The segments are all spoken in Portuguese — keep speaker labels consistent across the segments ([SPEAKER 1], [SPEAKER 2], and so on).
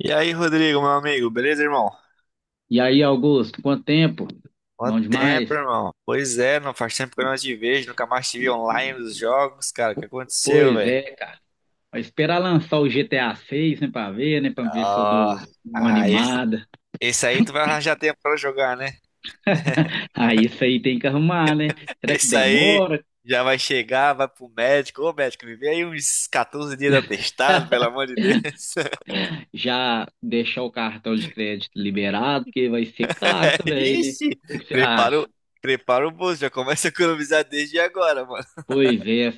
[SPEAKER 1] E aí, Rodrigo, meu amigo, beleza, irmão?
[SPEAKER 2] E aí, Augusto, quanto tempo? Bom
[SPEAKER 1] Quanto
[SPEAKER 2] demais.
[SPEAKER 1] tempo, irmão? Pois é, não faz tempo que eu não te vejo, nunca mais te vi online nos jogos, cara. O que aconteceu,
[SPEAKER 2] Pois
[SPEAKER 1] velho?
[SPEAKER 2] é, vai esperar lançar o GTA 6, né, pra ver se eu dou
[SPEAKER 1] Ah,
[SPEAKER 2] uma
[SPEAKER 1] ah, esse,
[SPEAKER 2] animada.
[SPEAKER 1] esse aí tu vai arranjar tempo pra jogar, né?
[SPEAKER 2] Aí isso aí tem que arrumar, né? Será que
[SPEAKER 1] Esse aí
[SPEAKER 2] demora?
[SPEAKER 1] já vai chegar, vai pro médico. Ô, médico, me vê aí uns 14 dias de atestado, pelo amor de Deus.
[SPEAKER 2] Já deixar o cartão de crédito liberado, porque vai ser caro também, né?
[SPEAKER 1] Ixi,
[SPEAKER 2] O que que você
[SPEAKER 1] prepara o,
[SPEAKER 2] acha?
[SPEAKER 1] prepara o bolso, já começa a economizar desde agora, mano.
[SPEAKER 2] Pois é.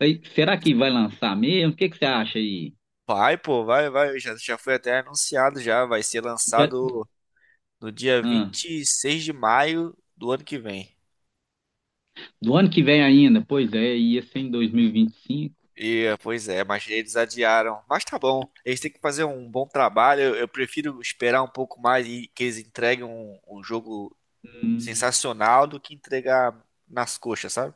[SPEAKER 2] Aí, será que vai lançar mesmo? O que que você acha aí?
[SPEAKER 1] Vai, pô, vai, vai. Já foi até anunciado, já vai ser
[SPEAKER 2] Já,
[SPEAKER 1] lançado. No dia
[SPEAKER 2] ah,
[SPEAKER 1] 26 de maio do ano que vem.
[SPEAKER 2] do ano que vem ainda? Pois é, ia ser em 2025.
[SPEAKER 1] Pois é, mas eles adiaram. Mas tá bom, eles têm que fazer um bom trabalho. Eu prefiro esperar um pouco mais e que eles entreguem um jogo sensacional do que entregar nas coxas, sabe?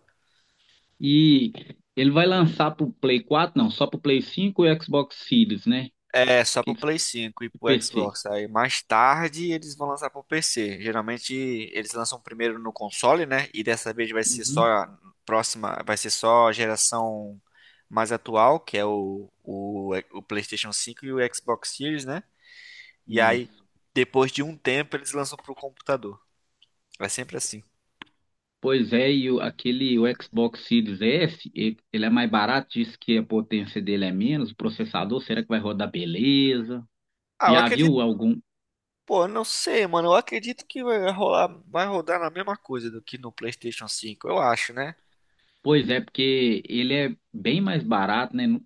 [SPEAKER 2] E ele vai lançar pro Play 4, não, só pro Play 5 e Xbox Series, né?
[SPEAKER 1] É, só pro
[SPEAKER 2] Que,
[SPEAKER 1] Play 5 e pro
[SPEAKER 2] PC.
[SPEAKER 1] Xbox. Aí mais tarde eles vão lançar pro PC. Geralmente eles lançam primeiro no console, né? E dessa vez
[SPEAKER 2] Uhum,
[SPEAKER 1] vai ser só a geração mais atual, que é o PlayStation 5 e o Xbox Series, né? E aí
[SPEAKER 2] isso.
[SPEAKER 1] depois de um tempo eles lançam pro computador. É sempre assim.
[SPEAKER 2] Pois é, e aquele o Xbox Series S, ele é mais barato, diz que a potência dele é menos, o processador, será que vai rodar beleza?
[SPEAKER 1] Ah, eu
[SPEAKER 2] Já
[SPEAKER 1] acredito,
[SPEAKER 2] viu algum?
[SPEAKER 1] pô, eu não sei, mano. Eu acredito que vai rodar na mesma coisa do que no PlayStation 5, eu acho, né?
[SPEAKER 2] Pois é, porque ele é bem mais barato, né?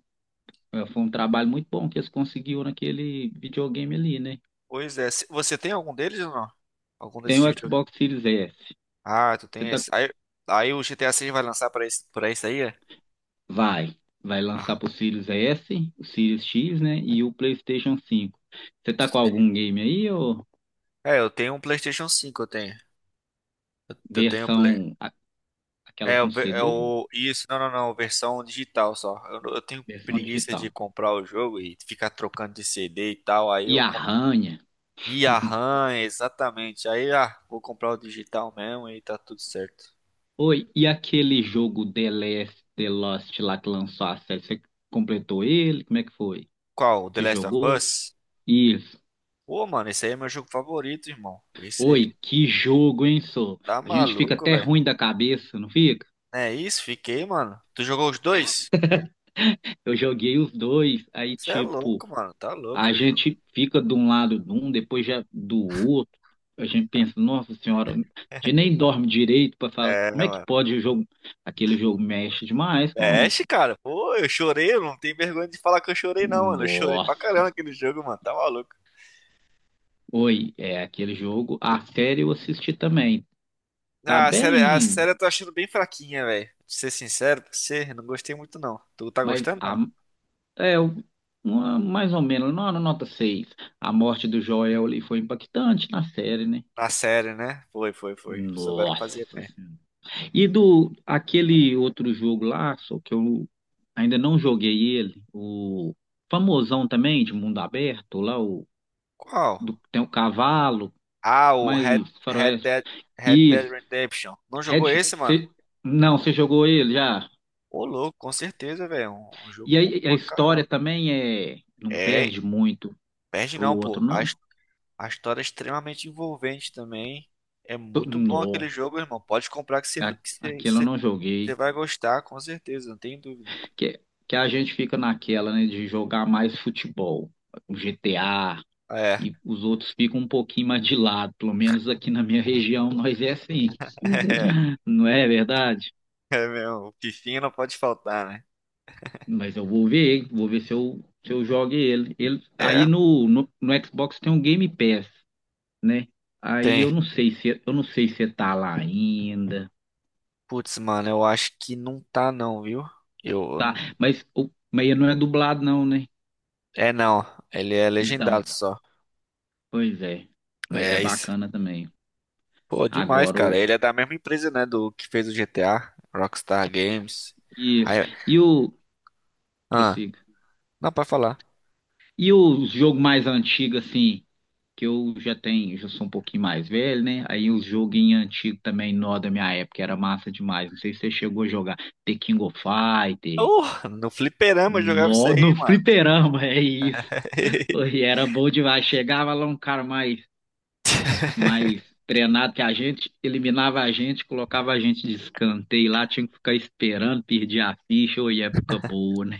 [SPEAKER 2] É, foi um trabalho muito bom que eles conseguiram naquele videogame ali, né?
[SPEAKER 1] Pois é, você tem algum deles ou não? Algum desses
[SPEAKER 2] Tem
[SPEAKER 1] de
[SPEAKER 2] o
[SPEAKER 1] videogame?
[SPEAKER 2] Xbox Series S.
[SPEAKER 1] Ah, tu tem
[SPEAKER 2] Você tá.
[SPEAKER 1] esse. Aí, o GTA 6 vai lançar pra esse aí? É?
[SPEAKER 2] Vai, vai
[SPEAKER 1] Ah,
[SPEAKER 2] lançar pro Sirius S, o Sirius X, né, e o PlayStation 5. Você tá com
[SPEAKER 1] sei.
[SPEAKER 2] algum game aí ou
[SPEAKER 1] É, eu tenho um PlayStation 5 eu tenho. Eu tenho o Play.
[SPEAKER 2] versão aquela
[SPEAKER 1] É, o,
[SPEAKER 2] com
[SPEAKER 1] ver- é
[SPEAKER 2] CD,
[SPEAKER 1] o. Isso, não, não, não, versão digital só. Eu, não- eu tenho
[SPEAKER 2] versão
[SPEAKER 1] preguiça de
[SPEAKER 2] digital?
[SPEAKER 1] comprar o jogo e ficar trocando de CD e tal. Aí
[SPEAKER 2] E
[SPEAKER 1] eu compro.
[SPEAKER 2] Arranha?
[SPEAKER 1] E a RAM, exatamente. Aí, vou comprar o digital mesmo e tá tudo certo.
[SPEAKER 2] Oi, e aquele jogo The Last, The Lost lá que lançou a série, você completou ele? Como é que foi?
[SPEAKER 1] Qual? O The
[SPEAKER 2] Você
[SPEAKER 1] Last of
[SPEAKER 2] jogou?
[SPEAKER 1] Us?
[SPEAKER 2] Isso.
[SPEAKER 1] Pô, mano, esse aí é meu jogo favorito, irmão. Esse
[SPEAKER 2] Oi, que jogo, hein, só.
[SPEAKER 1] Tá
[SPEAKER 2] A gente fica
[SPEAKER 1] maluco,
[SPEAKER 2] até
[SPEAKER 1] velho.
[SPEAKER 2] ruim da cabeça, não fica?
[SPEAKER 1] É isso, fiquei, mano. Tu jogou os dois?
[SPEAKER 2] Eu joguei os dois, aí
[SPEAKER 1] Você é
[SPEAKER 2] tipo
[SPEAKER 1] louco, mano. Tá louco
[SPEAKER 2] a
[SPEAKER 1] o jogo.
[SPEAKER 2] gente fica de um lado de um, depois já do outro. A gente pensa, nossa senhora, a gente nem dorme direito para falar
[SPEAKER 1] É,
[SPEAKER 2] como é que
[SPEAKER 1] mano.
[SPEAKER 2] pode o jogo. Aquele jogo mexe demais com.
[SPEAKER 1] Mexe, cara. Pô, eu chorei. Eu não tenho vergonha de falar que eu chorei, não, mano. Eu chorei pra
[SPEAKER 2] Nossa.
[SPEAKER 1] caramba aquele jogo, mano. Tá maluco.
[SPEAKER 2] Oi, é aquele jogo. A série eu assisti também. Tá
[SPEAKER 1] Ah, a série, a
[SPEAKER 2] bem,
[SPEAKER 1] série eu tô achando bem fraquinha, velho. Pra ser sincero pra você, eu não gostei muito, não. Tu tá
[SPEAKER 2] mas
[SPEAKER 1] gostando,
[SPEAKER 2] a,
[SPEAKER 1] não?
[SPEAKER 2] é mais ou menos, não, na nota seis. A morte do Joel ali foi impactante na série, né?
[SPEAKER 1] A série, né? Foi, foi, foi. Souberam
[SPEAKER 2] Nossa.
[SPEAKER 1] fazer bem.
[SPEAKER 2] E do aquele outro jogo lá, só que eu ainda não joguei ele, o famosão também de mundo aberto, lá o
[SPEAKER 1] Qual?
[SPEAKER 2] tem o cavalo,
[SPEAKER 1] Ah, o Red,
[SPEAKER 2] mas
[SPEAKER 1] Red
[SPEAKER 2] faroeste.
[SPEAKER 1] Dead, Red Dead
[SPEAKER 2] Isso,
[SPEAKER 1] Redemption. Não
[SPEAKER 2] Red,
[SPEAKER 1] jogou esse, mano?
[SPEAKER 2] cê- não, você jogou ele já.
[SPEAKER 1] Ô, louco, com certeza, velho. Um jogo
[SPEAKER 2] E
[SPEAKER 1] bom
[SPEAKER 2] aí a
[SPEAKER 1] pra
[SPEAKER 2] história
[SPEAKER 1] caramba.
[SPEAKER 2] também é não
[SPEAKER 1] É,
[SPEAKER 2] perde muito
[SPEAKER 1] perde
[SPEAKER 2] pro
[SPEAKER 1] não,
[SPEAKER 2] outro
[SPEAKER 1] pô.
[SPEAKER 2] não.
[SPEAKER 1] A história é extremamente envolvente também. É muito bom
[SPEAKER 2] Não,
[SPEAKER 1] aquele jogo, irmão. Pode comprar que você que você-
[SPEAKER 2] aquele eu
[SPEAKER 1] você-
[SPEAKER 2] não
[SPEAKER 1] você
[SPEAKER 2] joguei,
[SPEAKER 1] vai gostar, com certeza, não tem dúvida.
[SPEAKER 2] que que a gente fica naquela, né, de jogar mais futebol, o GTA
[SPEAKER 1] É,
[SPEAKER 2] e os outros ficam um pouquinho mais de lado, pelo menos aqui na minha região nós é assim, não é verdade?
[SPEAKER 1] é mesmo. O Fifinha não pode faltar, né?
[SPEAKER 2] Mas eu vou ver, se eu jogo ele. Ele aí
[SPEAKER 1] É,
[SPEAKER 2] no Xbox tem um Game Pass, né? Aí eu
[SPEAKER 1] tem.
[SPEAKER 2] não sei se tá lá ainda,
[SPEAKER 1] Putz, mano, eu acho que não tá não, viu? Eu
[SPEAKER 2] tá?
[SPEAKER 1] não-
[SPEAKER 2] Mas não é dublado não, né?
[SPEAKER 1] É não, ele é
[SPEAKER 2] Então,
[SPEAKER 1] legendado só.
[SPEAKER 2] pois é, mas é
[SPEAKER 1] É isso.
[SPEAKER 2] bacana também.
[SPEAKER 1] Pô, demais,
[SPEAKER 2] Agora
[SPEAKER 1] cara.
[SPEAKER 2] o,
[SPEAKER 1] Ele é da mesma empresa, né, do que fez o GTA, Rockstar Games.
[SPEAKER 2] isso.
[SPEAKER 1] Aí,
[SPEAKER 2] E o,
[SPEAKER 1] ah,
[SPEAKER 2] prossiga.
[SPEAKER 1] não, pode falar.
[SPEAKER 2] E o jogo mais antigo assim, que eu já tenho, já sou um pouquinho mais velho, né? Aí os joguinhos antigos também, nó da minha época, era massa demais. Não sei se você chegou a jogar The King of Fighter,
[SPEAKER 1] No fliperama eu jogava isso
[SPEAKER 2] nó,
[SPEAKER 1] aí,
[SPEAKER 2] no
[SPEAKER 1] mano.
[SPEAKER 2] fliperama, é isso. E era bom demais. Chegava lá um cara mais treinado que a gente, eliminava a gente, colocava a gente de escanteio lá, tinha que ficar esperando, perdia a ficha, ou época boa, né?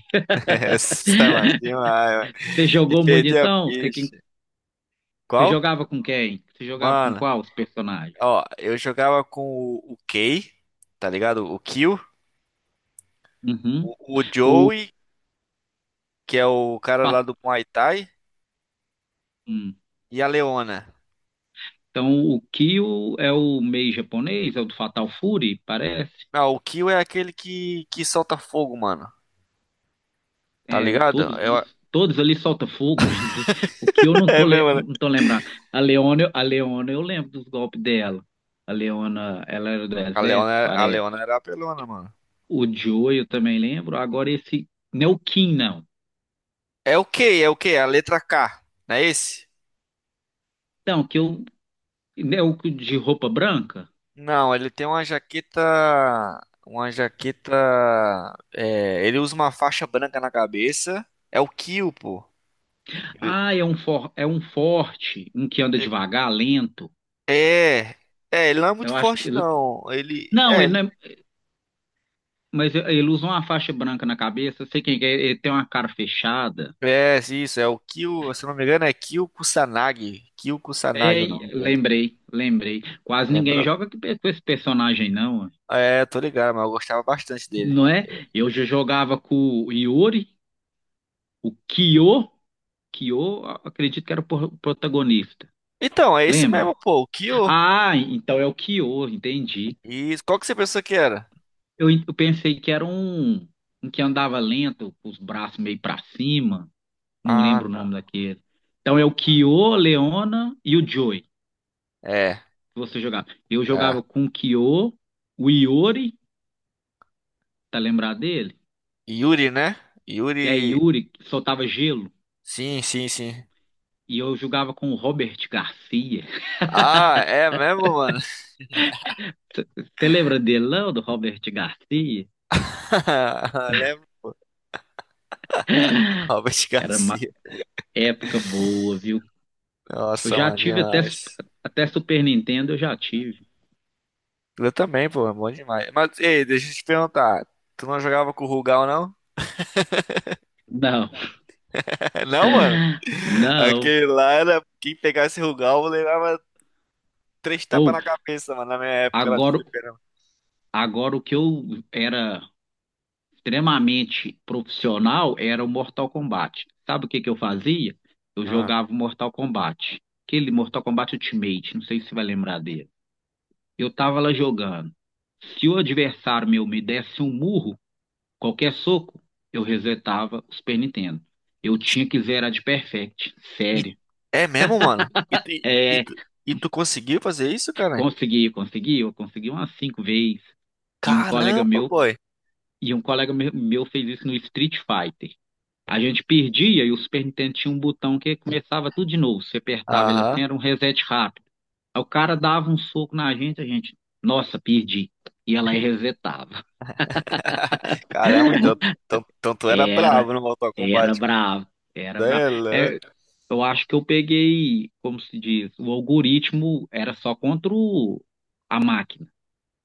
[SPEAKER 1] Essa, mano, demais, mano.
[SPEAKER 2] Você
[SPEAKER 1] E
[SPEAKER 2] jogou muito
[SPEAKER 1] perdi a
[SPEAKER 2] então?
[SPEAKER 1] ficha.
[SPEAKER 2] Você
[SPEAKER 1] Qual?
[SPEAKER 2] jogava com quem? Você jogava com
[SPEAKER 1] Mano,
[SPEAKER 2] qual os personagens?
[SPEAKER 1] ó, eu jogava com o Kay, tá ligado? O Kill,
[SPEAKER 2] Uhum.
[SPEAKER 1] o
[SPEAKER 2] O
[SPEAKER 1] Joey, que é o cara lá do Muay Thai,
[SPEAKER 2] Fatum.
[SPEAKER 1] e a Leona.
[SPEAKER 2] Então, o Kyo é o meio japonês, é o do Fatal Fury, parece.
[SPEAKER 1] Não, o Kill é aquele que solta fogo, mano. Tá
[SPEAKER 2] É,
[SPEAKER 1] ligado?
[SPEAKER 2] todos ali, todos ali soltam fogo, bem dizer. O Kyo eu não
[SPEAKER 1] É
[SPEAKER 2] tô, le-
[SPEAKER 1] mesmo,
[SPEAKER 2] não tô lembrado. A Leona, eu lembro dos golpes dela. A Leona, ela era do
[SPEAKER 1] A Leona,
[SPEAKER 2] exército,
[SPEAKER 1] a
[SPEAKER 2] parece.
[SPEAKER 1] Leona era apelona, mano.
[SPEAKER 2] O Joe, eu também lembro. Agora esse, não é o Kim, não.
[SPEAKER 1] É o quê? É o quê? A letra K. Não é esse?
[SPEAKER 2] Não, que eu, é o de roupa branca.
[SPEAKER 1] Não, ele tem uma jaqueta. Uma jaqueta. É, ele usa uma faixa branca na cabeça. É o Kill, pô. Ele-
[SPEAKER 2] Ah, é um forte, um que anda devagar, lento.
[SPEAKER 1] É. É, ele não é muito
[SPEAKER 2] Eu acho.
[SPEAKER 1] forte, não. Ele.
[SPEAKER 2] Não,
[SPEAKER 1] É,
[SPEAKER 2] ele não
[SPEAKER 1] ele-
[SPEAKER 2] é. Mas ele usa uma faixa branca na cabeça, sei quem que é, ele tem uma cara fechada.
[SPEAKER 1] é isso. É o Kill. Se eu não me engano, é Kill Kusanagi. Kill
[SPEAKER 2] É,
[SPEAKER 1] Kusanagi o nome dele.
[SPEAKER 2] lembrei, lembrei. Quase ninguém
[SPEAKER 1] Lembrou?
[SPEAKER 2] joga com esse personagem, não,
[SPEAKER 1] É, tô ligado, mas eu gostava bastante dele.
[SPEAKER 2] não é? Eu já jogava com o Iori, o Kyo, acredito que era o protagonista.
[SPEAKER 1] Então, é esse
[SPEAKER 2] Lembra?
[SPEAKER 1] mesmo, pô. O Kill.
[SPEAKER 2] Ah, então é o Kyo, entendi.
[SPEAKER 1] E qual que você pensou que era?
[SPEAKER 2] Eu pensei que era um que andava lento, com os braços meio pra cima. Não
[SPEAKER 1] Ah,
[SPEAKER 2] lembro o
[SPEAKER 1] não.
[SPEAKER 2] nome daquele. Então é o Kyo, Leona e o Joy.
[SPEAKER 1] É,
[SPEAKER 2] Você jogava. Eu
[SPEAKER 1] é.
[SPEAKER 2] jogava com o Kyo, o Iori, tá lembrado dele?
[SPEAKER 1] Yuri, né?
[SPEAKER 2] É,
[SPEAKER 1] Yuri.
[SPEAKER 2] Yuri, que soltava gelo.
[SPEAKER 1] Sim, sim, sim.
[SPEAKER 2] E eu jogava com o Robert Garcia.
[SPEAKER 1] Ah, é mesmo, mano?
[SPEAKER 2] Você lembra dele, não, do Robert Garcia?
[SPEAKER 1] Lembro. Robert
[SPEAKER 2] Era uma
[SPEAKER 1] Garcia.
[SPEAKER 2] época boa, viu? Eu
[SPEAKER 1] Nossa,
[SPEAKER 2] já
[SPEAKER 1] mano,
[SPEAKER 2] tive até, su-
[SPEAKER 1] demais.
[SPEAKER 2] até Super Nintendo, eu já tive.
[SPEAKER 1] Eu também, pô, é bom demais. Mas, ei, deixa eu te perguntar. Tu não jogava com o Rugal, não?
[SPEAKER 2] Não,
[SPEAKER 1] Não, mano?
[SPEAKER 2] não.
[SPEAKER 1] Aquele lá era. Quem pegasse Rugal levava três tapas
[SPEAKER 2] Ou,
[SPEAKER 1] na cabeça, mano, na minha época lá de
[SPEAKER 2] agora,
[SPEAKER 1] fliperama.
[SPEAKER 2] agora o que eu era extremamente profissional era o Mortal Kombat. Sabe o que que eu fazia? Eu
[SPEAKER 1] Ah.
[SPEAKER 2] jogava o Mortal Kombat. Aquele Mortal Kombat Ultimate, não sei se você vai lembrar dele. Eu tava lá jogando. Se o adversário meu me desse um murro, qualquer soco, eu resetava o Super Nintendo. Eu tinha que zerar de perfect,
[SPEAKER 1] Me-
[SPEAKER 2] sério.
[SPEAKER 1] É mesmo, mano? E tu, e
[SPEAKER 2] É,
[SPEAKER 1] tu, e tu conseguiu fazer isso, cara?
[SPEAKER 2] eu consegui umas cinco vezes. E um colega
[SPEAKER 1] Caramba,
[SPEAKER 2] meu,
[SPEAKER 1] boy.
[SPEAKER 2] e um colega meu fez isso no Street Fighter. A gente perdia e o Super Nintendo tinha um botão que começava tudo de novo. Você apertava ele
[SPEAKER 1] Aham.
[SPEAKER 2] assim, era um reset rápido. Aí o cara dava um soco na gente, a gente, nossa, perdi. E ela resetava.
[SPEAKER 1] Caramba, então tu era
[SPEAKER 2] Era,
[SPEAKER 1] bravo no Mortal
[SPEAKER 2] era
[SPEAKER 1] Kombat, mano.
[SPEAKER 2] bravo, era
[SPEAKER 1] Cê
[SPEAKER 2] bravo.
[SPEAKER 1] é
[SPEAKER 2] É,
[SPEAKER 1] louco.
[SPEAKER 2] eu acho que eu peguei, como se diz, o algoritmo era só contra a máquina,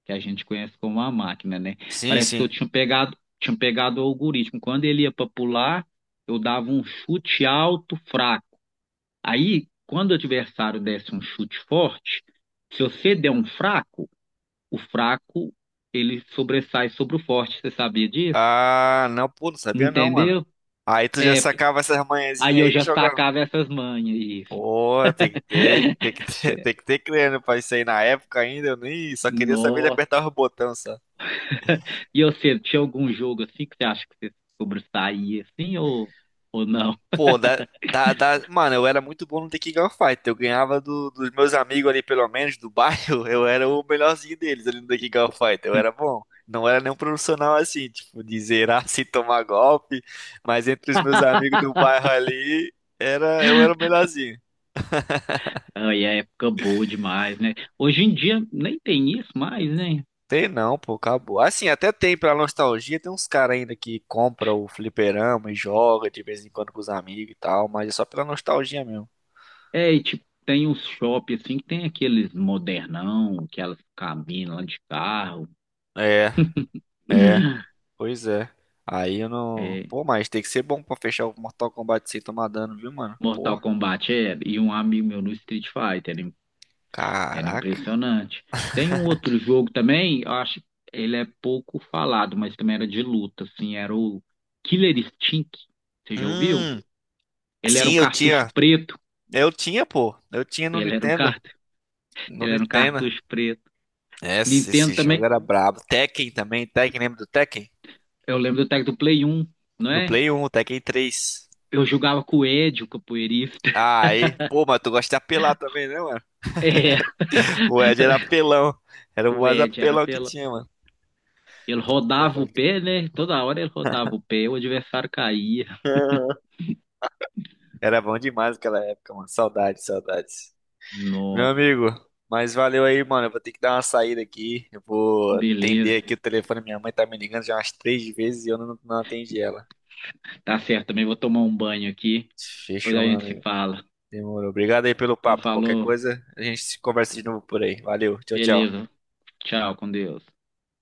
[SPEAKER 2] que a gente conhece como a máquina, né?
[SPEAKER 1] Sim,
[SPEAKER 2] Parece que eu
[SPEAKER 1] sim.
[SPEAKER 2] tinha pegado o algoritmo. Quando ele ia para pular, eu dava um chute alto, fraco. Aí, quando o adversário desse um chute forte, se você der um fraco, o fraco ele sobressai sobre o forte. Você sabia disso?
[SPEAKER 1] Ah, não, pô, não sabia não, mano.
[SPEAKER 2] Entendeu?
[SPEAKER 1] Aí tu já sacava essas manhãzinhas
[SPEAKER 2] Aí eu
[SPEAKER 1] aí e
[SPEAKER 2] já
[SPEAKER 1] jogava.
[SPEAKER 2] sacava essas manhas. Isso.
[SPEAKER 1] Pô, tem que ter, tem que ter crânio pra isso aí na época ainda. Eu nem só queria saber de
[SPEAKER 2] Nossa.
[SPEAKER 1] apertar os botões.
[SPEAKER 2] E você, tinha algum jogo assim que você acha que você sobressaía assim ou não?
[SPEAKER 1] Pô, mano, eu era muito bom no Tekken Gunfighter. Eu ganhava dos meus amigos ali, pelo menos, do bairro. Eu era o melhorzinho deles ali no Tekken Gunfighter. Eu era bom. Não era nenhum profissional assim, tipo, de zerar sem tomar golpe. Mas entre os meus amigos do bairro ali, eu era o melhorzinho.
[SPEAKER 2] Aí é época boa demais, né? Hoje em dia nem tem isso mais, né?
[SPEAKER 1] Tem não, pô, acabou. Assim, até tem pra nostalgia, tem uns caras ainda que compra o fliperama e joga de vez em quando com os amigos e tal, mas é só pela nostalgia mesmo.
[SPEAKER 2] É, e, tipo, tem uns shopping assim que tem aqueles modernão, aquelas cabinas lá de carro.
[SPEAKER 1] É, é. Pois é. Aí eu não.
[SPEAKER 2] É,
[SPEAKER 1] Pô, mas tem que ser bom pra fechar o Mortal Kombat sem tomar dano, viu, mano? Pô,
[SPEAKER 2] Mortal Kombat é, e um amigo meu no Street Fighter, era
[SPEAKER 1] caraca.
[SPEAKER 2] impressionante. Tem um outro jogo também, eu acho, ele é pouco falado, mas também era de luta, assim, era o Killer Instinct, você já ouviu?
[SPEAKER 1] Hum,
[SPEAKER 2] Ele era
[SPEAKER 1] sim,
[SPEAKER 2] um
[SPEAKER 1] eu
[SPEAKER 2] cartucho
[SPEAKER 1] tinha.
[SPEAKER 2] preto,
[SPEAKER 1] Eu tinha, pô. Eu tinha no
[SPEAKER 2] ele era um
[SPEAKER 1] Nintendo.
[SPEAKER 2] cart...
[SPEAKER 1] No
[SPEAKER 2] ele era um
[SPEAKER 1] Nintendo.
[SPEAKER 2] cartucho preto.
[SPEAKER 1] Esse,
[SPEAKER 2] Nintendo
[SPEAKER 1] esse jogo
[SPEAKER 2] também,
[SPEAKER 1] era brabo. Tekken também. Tekken, lembra do Tekken?
[SPEAKER 2] eu lembro do tag do Play 1, não
[SPEAKER 1] No
[SPEAKER 2] é?
[SPEAKER 1] Play 1, o Tekken 3.
[SPEAKER 2] Eu jogava com o Ed, o capoeirista.
[SPEAKER 1] Aí. Pô, mas tu gosta de apelar também, né, mano?
[SPEAKER 2] É,
[SPEAKER 1] O Ed era apelão. Era o
[SPEAKER 2] o
[SPEAKER 1] mais
[SPEAKER 2] Ed era
[SPEAKER 1] apelão que
[SPEAKER 2] pela...
[SPEAKER 1] tinha, mano.
[SPEAKER 2] Ele
[SPEAKER 1] Era
[SPEAKER 2] rodava o pé, né? Toda hora ele rodava o pé, o adversário caía.
[SPEAKER 1] Era bom demais aquela época, mano. Saudades, saudades. Meu
[SPEAKER 2] Nossa.
[SPEAKER 1] amigo, mas valeu aí, mano. Eu vou ter que dar uma saída aqui. Eu vou
[SPEAKER 2] Beleza.
[SPEAKER 1] atender aqui o telefone. Minha mãe tá me ligando já umas três vezes e eu não atendi ela.
[SPEAKER 2] Tá certo, também vou tomar um banho aqui. Depois
[SPEAKER 1] Fechou,
[SPEAKER 2] a
[SPEAKER 1] meu
[SPEAKER 2] gente se
[SPEAKER 1] amigo.
[SPEAKER 2] fala.
[SPEAKER 1] Demorou. Obrigado aí pelo
[SPEAKER 2] Então,
[SPEAKER 1] papo. Qualquer
[SPEAKER 2] falou.
[SPEAKER 1] coisa, a gente se conversa de novo por aí. Valeu. Tchau, tchau.
[SPEAKER 2] Beleza. Tchau, com Deus.